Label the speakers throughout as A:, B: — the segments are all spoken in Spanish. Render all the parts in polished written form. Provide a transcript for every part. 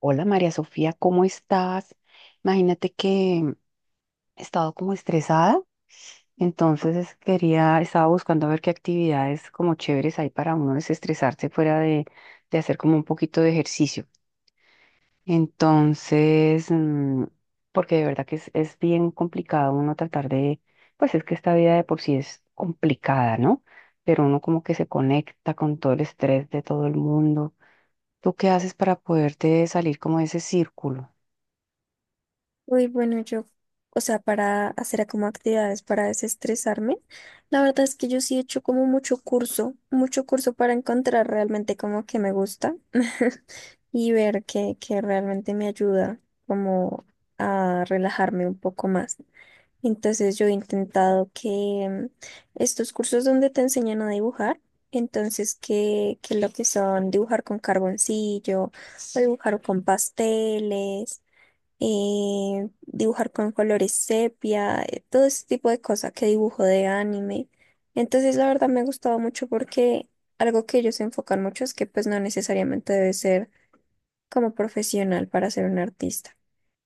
A: Hola María Sofía, ¿cómo estás? Imagínate que he estado como estresada, entonces quería, estaba buscando a ver qué actividades como chéveres hay para uno desestresarse fuera de hacer como un poquito de ejercicio. Entonces, porque de verdad que es bien complicado uno tratar de, pues es que esta vida de por sí es complicada, ¿no? Pero uno como que se conecta con todo el estrés de todo el mundo. ¿Tú qué haces para poderte salir como de ese círculo?
B: Uy, bueno, yo, o sea, para hacer como actividades para desestresarme, la verdad es que yo sí he hecho como mucho curso para encontrar realmente como que me gusta y ver que realmente me ayuda como a relajarme un poco más. Entonces yo he intentado que estos cursos donde te enseñan a dibujar, entonces que lo que son dibujar con carboncillo o dibujar con pasteles dibujar con colores sepia, todo ese tipo de cosas que dibujo de anime. Entonces, la verdad me gustaba mucho porque algo que ellos se enfocan mucho es que pues no necesariamente debes ser como profesional para ser un artista.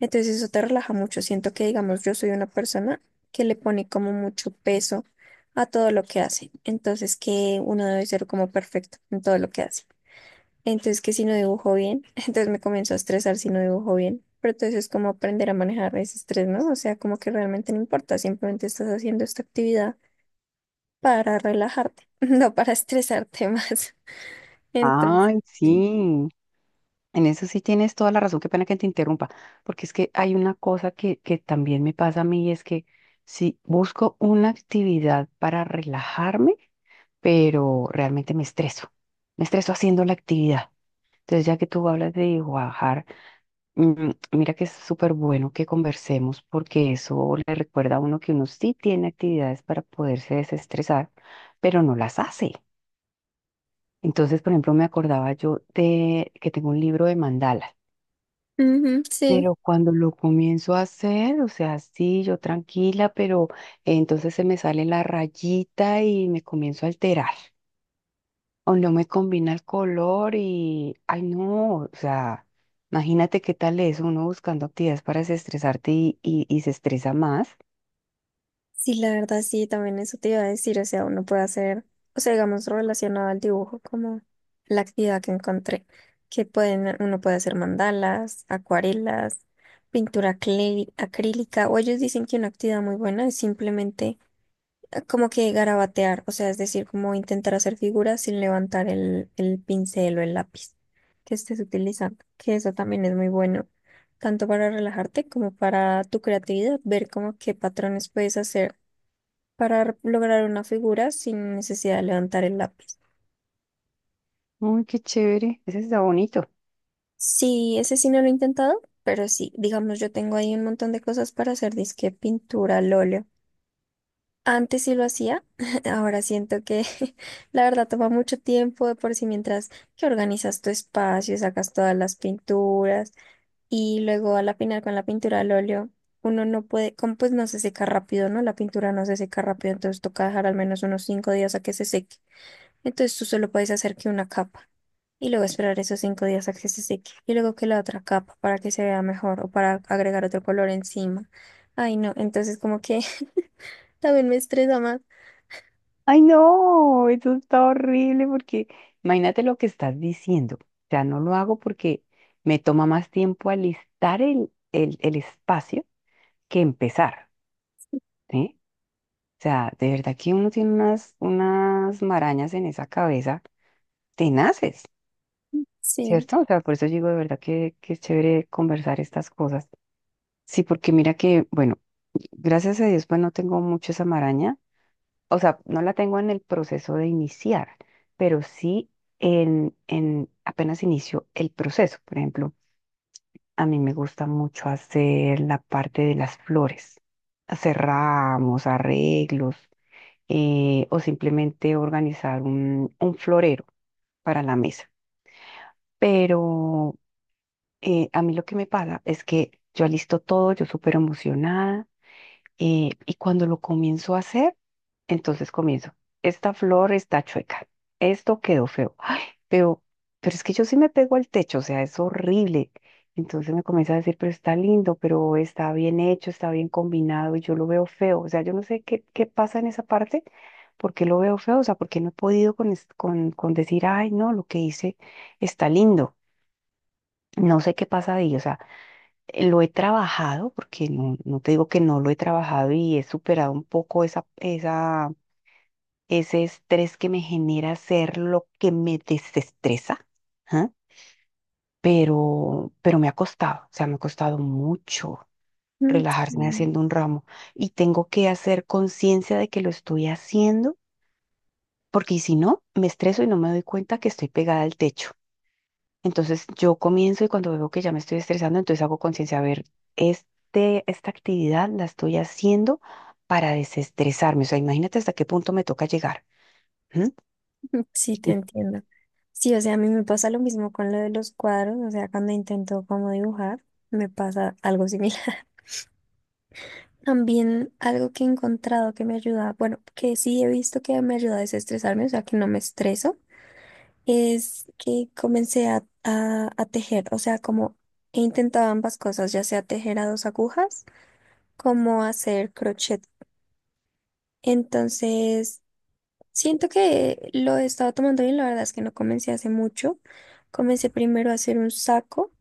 B: Entonces, eso te relaja mucho. Siento que, digamos, yo soy una persona que le pone como mucho peso a todo lo que hace. Entonces, que uno debe ser como perfecto en todo lo que hace. Entonces, que si no dibujo bien, entonces me comienzo a estresar si no dibujo bien. Pero entonces es como aprender a manejar ese estrés, ¿no? O sea, como que realmente no importa, simplemente estás haciendo esta actividad para relajarte, no para estresarte más.
A: Ay,
B: Entonces, sí.
A: sí, en eso sí tienes toda la razón, qué pena que te interrumpa, porque es que hay una cosa que también me pasa a mí, y es que si busco una actividad para relajarme, pero realmente me estreso haciendo la actividad. Entonces, ya que tú hablas de bajar, mira que es súper bueno que conversemos porque eso le recuerda a uno que uno sí tiene actividades para poderse desestresar, pero no las hace. Entonces, por ejemplo, me acordaba yo de que tengo un libro de mandalas,
B: Ujú, sí.
A: pero cuando lo comienzo a hacer, o sea, sí, yo tranquila, pero entonces se me sale la rayita y me comienzo a alterar, o no me combina el color y, ay, no, o sea, imagínate qué tal es uno buscando actividades para desestresarte y se estresa más.
B: Sí, la verdad sí, también eso te iba a decir, o sea, uno puede hacer, o sea, digamos, relacionado al dibujo como la actividad que encontré, que pueden, uno puede hacer mandalas, acuarelas, pintura acrílica, o ellos dicen que una actividad muy buena es simplemente como que garabatear, o sea, es decir, como intentar hacer figuras sin levantar el pincel o el lápiz que estés utilizando, que eso también es muy bueno, tanto para relajarte como para tu creatividad, ver como qué patrones puedes hacer para lograr una figura sin necesidad de levantar el lápiz.
A: Uy, qué chévere, ese está bonito.
B: Sí, ese sí no lo he intentado, pero sí, digamos, yo tengo ahí un montón de cosas para hacer, disque pintura al óleo. Antes sí lo hacía, ahora siento que la verdad toma mucho tiempo de por sí mientras que organizas tu espacio, sacas todas las pinturas y luego al final con la pintura al óleo uno no puede, como pues no se seca rápido, ¿no? La pintura no se seca rápido, entonces toca dejar al menos unos 5 días a que se seque. Entonces tú solo puedes hacer que una capa. Y luego esperar esos 5 días a que se seque. Y luego que la otra capa para que se vea mejor o para agregar otro color encima. Ay, no, entonces como que también me estresa más.
A: Ay, no, eso está horrible porque imagínate lo que estás diciendo. O sea, no lo hago porque me toma más tiempo alistar el espacio que empezar, ¿sí? O sea, de verdad que uno tiene unas marañas en esa cabeza tenaces,
B: Sí,
A: ¿cierto? O sea, por eso digo de verdad que es chévere conversar estas cosas. Sí, porque mira que, bueno, gracias a Dios, pues no tengo mucho esa maraña, o sea, no la tengo en el proceso de iniciar, pero sí en apenas inicio el proceso. Por ejemplo, a mí me gusta mucho hacer la parte de las flores, hacer ramos, arreglos, o simplemente organizar un florero para la mesa. Pero a mí lo que me pasa es que yo alisto todo, yo súper emocionada. Y cuando lo comienzo a hacer, entonces comienzo. Esta flor está chueca. Esto quedó feo. Pero, pero es que yo sí me pego al techo, o sea, es horrible. Entonces me comienza a decir, pero está lindo, pero está bien hecho, está bien combinado y yo lo veo feo. O sea, yo no sé qué pasa en esa parte, por qué lo veo feo, o sea, ¿por qué no he podido con decir, ay, no, lo que hice está lindo. No sé qué pasa ahí, o sea. Lo he trabajado, porque no, no te digo que no lo he trabajado y he superado un poco ese estrés que me genera hacer lo que me desestresa, ¿ah? Pero me ha costado, o sea, me ha costado mucho
B: mm,
A: relajarme
B: sí,
A: haciendo un ramo y tengo que hacer conciencia de que lo estoy haciendo, porque si no, me estreso y no me doy cuenta que estoy pegada al techo. Entonces yo comienzo y cuando veo que ya me estoy estresando, entonces hago conciencia, a ver, esta actividad la estoy haciendo para desestresarme. O sea, imagínate hasta qué punto me toca llegar. ¿M?
B: sí, te entiendo. Sí, o sea, a mí me pasa lo mismo con lo de los cuadros, o sea, cuando intento como dibujar, me pasa algo similar. También algo que he encontrado que me ayuda, bueno, que sí he visto que me ayuda a desestresarme, o sea, que no me estreso es que comencé a tejer, o sea, como he intentado ambas cosas, ya sea tejer a dos agujas como hacer crochet. Entonces, siento que lo he estado tomando bien, la verdad es que no comencé hace mucho. Comencé primero a hacer un saco.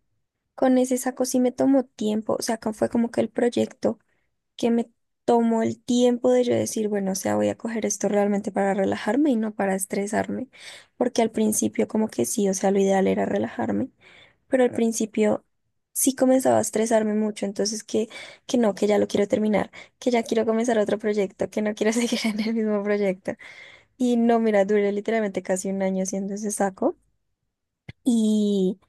B: Con ese saco sí me tomó tiempo, o sea, fue como que el proyecto que me tomó el tiempo de yo decir, bueno, o sea, voy a coger esto realmente para relajarme y no para estresarme, porque al principio como que sí, o sea, lo ideal era relajarme, pero al principio sí comenzaba a estresarme mucho, entonces que no, que ya lo quiero terminar, que ya quiero comenzar otro proyecto, que no quiero seguir en el mismo proyecto. Y no, mira, duré literalmente casi un año haciendo ese saco y,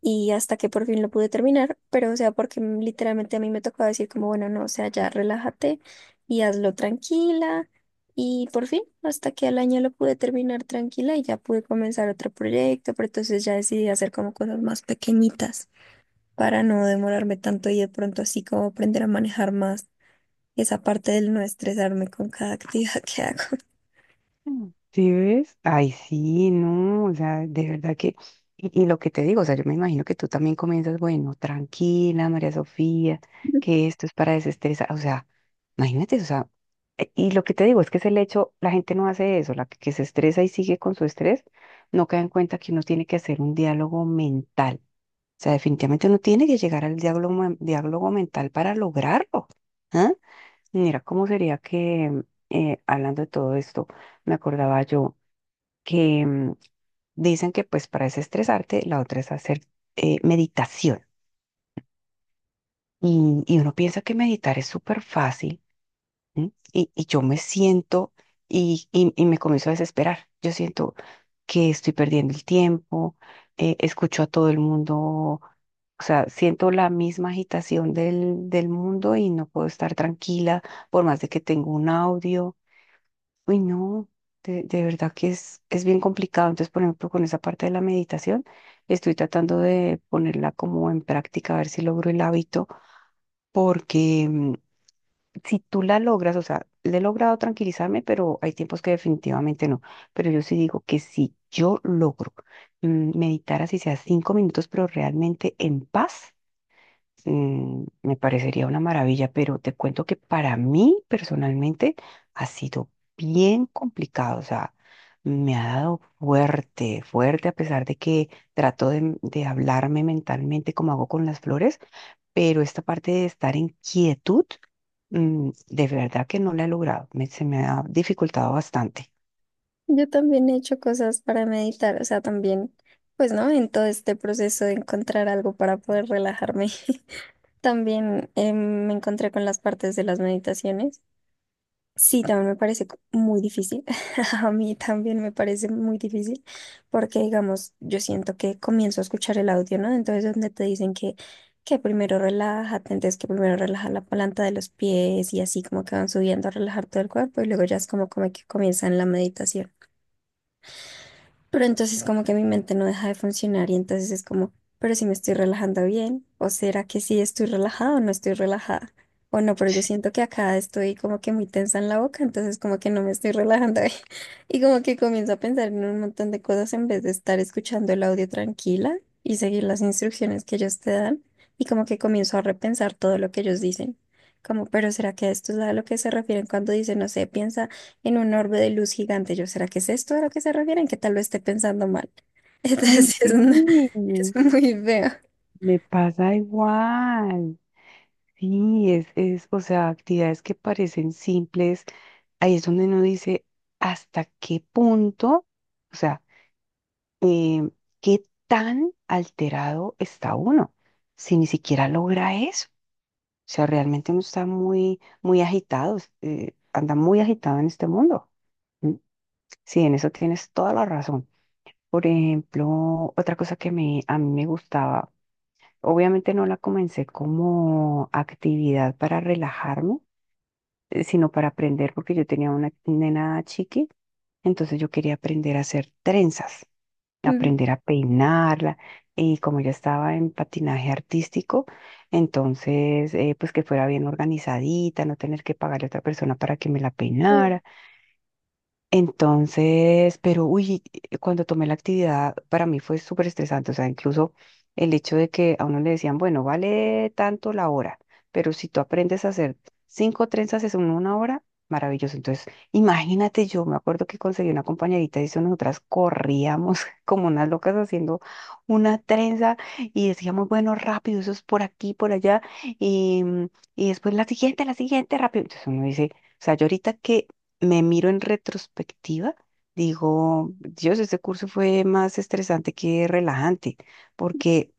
B: y hasta que por fin lo pude terminar, pero o sea, porque literalmente a mí me tocaba decir como, bueno, no, o sea, ya relájate y hazlo tranquila. Y por fin, hasta que al año lo pude terminar tranquila y ya pude comenzar otro proyecto, pero entonces ya decidí hacer como cosas más pequeñitas para no demorarme tanto y de pronto así como aprender a manejar más esa parte del no estresarme con cada actividad que hago.
A: ¿Sí ves? Ay, sí, no, o sea, de verdad que, y, lo que te digo, o sea, yo me imagino que tú también comienzas, bueno, tranquila, María Sofía, que esto es para desestresar, o sea, imagínate, o sea, y lo que te digo es que es el hecho, la gente no hace eso, la que se estresa y sigue con su estrés, no cae en cuenta que uno tiene que hacer un diálogo mental, o sea, definitivamente uno tiene que llegar al diálogo, diálogo mental para lograrlo, ¿ah? Mira, ¿cómo sería que, hablando de todo esto, me acordaba yo que dicen que pues para desestresarte, la otra es hacer meditación. Y uno piensa que meditar es súper fácil, ¿sí? Y yo me siento y me comienzo a desesperar. Yo siento que estoy perdiendo el tiempo, escucho a todo el mundo, o sea, siento la misma agitación del mundo y no puedo estar tranquila por más de que tengo un audio. Uy, no, de verdad que es bien complicado. Entonces, por ejemplo, con esa parte de la meditación, estoy tratando de ponerla como en práctica, a ver si logro el hábito, porque si tú la logras, o sea, le he logrado tranquilizarme, pero hay tiempos que definitivamente no. Pero yo sí digo que si yo logro meditar así sea 5 minutos, pero realmente en paz. Me parecería una maravilla, pero te cuento que para mí personalmente ha sido bien complicado, o sea, me ha dado fuerte, fuerte, a pesar de que trato de hablarme mentalmente como hago con las flores, pero esta parte de estar en quietud, de verdad que no la he logrado, se me ha dificultado bastante.
B: Yo también he hecho cosas para meditar, o sea, también, pues, ¿no? En todo este proceso de encontrar algo para poder relajarme. También me encontré con las partes de las meditaciones. Sí, también me parece muy difícil. A mí también me parece muy difícil porque, digamos, yo siento que comienzo a escuchar el audio, ¿no? Entonces, donde te dicen que primero relájate, entonces que primero relaja la planta de los pies y así como que van subiendo a relajar todo el cuerpo y luego ya es como, como que comienzan la meditación. Pero entonces como que mi mente no deja de funcionar y entonces es como, pero si me estoy relajando bien, o será que sí estoy relajada o no estoy relajada, o no, pero yo siento que acá estoy como que muy tensa en la boca, entonces como que no me estoy relajando bien. Y como que comienzo a pensar en un montón de cosas en vez de estar escuchando el audio tranquila y seguir las instrucciones que ellos te dan y como que comienzo a repensar todo lo que ellos dicen. Como, pero ¿será que a esto es a lo que se refieren cuando dicen, no sé, piensa en un orbe de luz gigante? Yo, ¿será que es esto a lo que se refieren? Que tal vez esté pensando mal. Entonces,
A: Uy,
B: sí, es,
A: sí.
B: una- es muy feo.
A: Me pasa, ahí es donde uno dice hasta qué punto, o sea, em, qué tan alterado está uno si ni siquiera logra eso. O sea, realmente uno está muy, muy agitado, anda muy agitado en este mundo. ¿M? Sí, en eso tienes toda la razón. Por ejemplo, otra cosa que a mí me gustaba, obviamente no la comencé como actividad para relajarme, sino para aprender, porque yo tenía una nena chiqui. Entonces yo quería aprender a hacer trenzas,
B: Mm,
A: aprender a peinarla. Y como yo estaba en patinaje artístico, entonces pues que fuera bien organizadita, no tener que pagarle a otra persona para que me la
B: sí,
A: peinara, entonces, pero uy, cuando tomé la actividad, para mí fue súper estresante. O sea, incluso el hecho de que a uno le decían, bueno, vale tanto la hora, pero si tú aprendes a hacer cinco trenzas en una hora, maravilloso. Entonces, imagínate, yo me acuerdo que conseguí una compañerita y eso nosotras corríamos como unas locas haciendo una trenza y decíamos, bueno, rápido, eso es por aquí, por allá, y, y después la siguiente, rápido. Entonces uno dice, o sea, yo ahorita que me miro en retrospectiva, digo, Dios, este curso fue más estresante que relajante, porque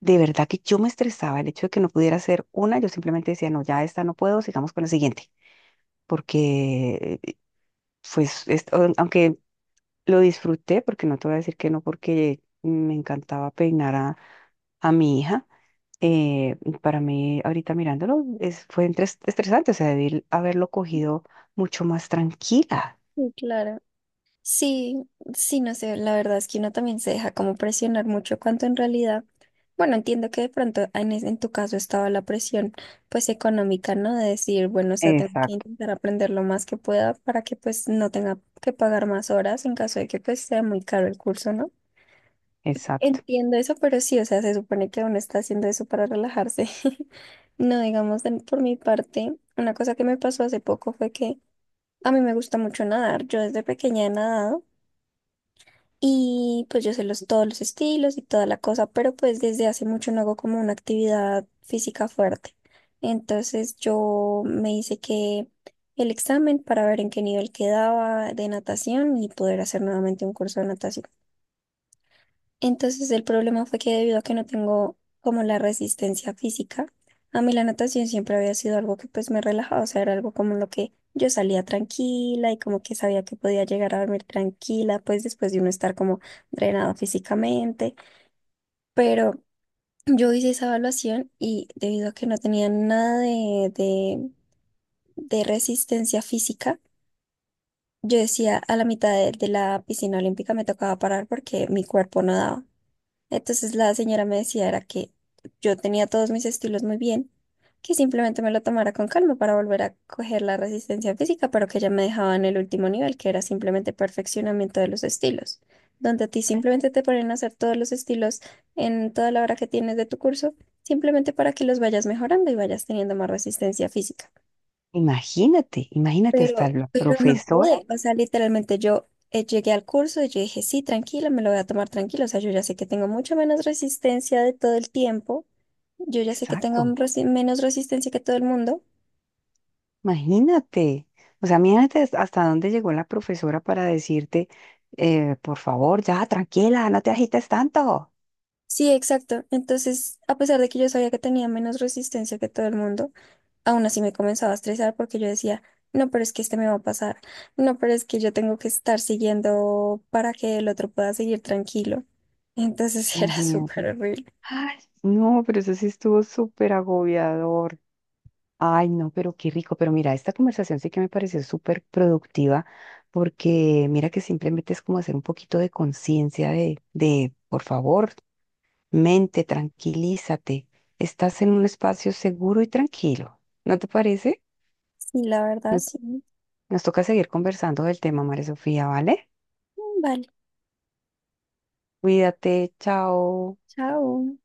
A: de verdad que yo me estresaba el hecho de que no pudiera hacer una, yo simplemente decía, no, ya esta no puedo, sigamos con la siguiente, porque pues, aunque lo disfruté, porque no te voy a decir que no, porque me encantaba peinar a mi hija. Para mí, ahorita mirándolo, fue estresante, o sea, debí haberlo cogido mucho más tranquila.
B: sí, claro. Sí, sí, no sé, la verdad es que uno también se deja como presionar mucho cuanto en realidad, bueno, entiendo que de pronto en, en tu caso estaba la presión pues económica, ¿no? De decir, bueno, o sea, tengo que
A: Exacto.
B: intentar aprender lo más que pueda para que pues no tenga que pagar más horas en caso de que pues sea muy caro el curso, ¿no?
A: Exacto.
B: Entiendo eso, pero sí, o sea, se supone que uno está haciendo eso para relajarse. No, digamos, por mi parte, una cosa que me pasó hace poco fue que a mí me gusta mucho nadar. Yo desde pequeña he nadado y pues yo sé los, todos los estilos y toda la cosa, pero pues desde hace mucho no hago como una actividad física fuerte. Entonces yo me hice que el examen para ver en qué nivel quedaba de natación y poder hacer nuevamente un curso de natación. Entonces el problema fue que debido a que no tengo como la resistencia física, a mí la natación siempre había sido algo que pues me relajaba, o sea, era algo como lo que yo salía tranquila y como que sabía que podía llegar a dormir tranquila, pues después de uno estar como drenado físicamente, pero yo hice esa evaluación y debido a que no tenía nada de resistencia física, yo decía a la mitad de la piscina olímpica me tocaba parar porque mi cuerpo no daba. Entonces la señora me decía era que yo tenía todos mis estilos muy bien, que simplemente me lo tomara con calma para volver a coger la resistencia física, pero que ella me dejaba en el último nivel, que era simplemente perfeccionamiento de los estilos, donde a ti simplemente te ponen a hacer todos los estilos en toda la hora que tienes de tu curso, simplemente para que los vayas mejorando y vayas teniendo más resistencia física.
A: Imagínate, imagínate hasta la
B: Pero no
A: profesora.
B: pude, o sea, literalmente yo llegué al curso y yo dije, sí, tranquila me lo voy a tomar tranquilo, o sea, yo ya sé que tengo mucho menos resistencia de todo el tiempo, yo ya sé que tengo un
A: Exacto.
B: menos resistencia que todo el mundo.
A: Imagínate. O sea, imagínate hasta dónde llegó la profesora para decirte, por favor, ya, tranquila, no te agites tanto.
B: Sí, exacto. Entonces, a pesar de que yo sabía que tenía menos resistencia que todo el mundo, aún así me comenzaba a estresar porque yo decía, no, pero es que este me va a pasar, no, pero es que yo tengo que estar siguiendo para que el otro pueda seguir tranquilo. Entonces era súper
A: Imagínate.
B: horrible.
A: Ay, no, pero eso sí estuvo súper agobiador. Ay, no, pero qué rico. Pero mira, esta conversación sí que me pareció súper productiva porque mira que simplemente es como hacer un poquito de conciencia de, por favor. Mente, tranquilízate. Estás en un espacio seguro y tranquilo. ¿No te parece?
B: Sí, la verdad,
A: No-
B: sí.
A: Nos toca seguir conversando del tema, María Sofía, ¿vale?
B: Vale,
A: Cuídate, chao.
B: chao.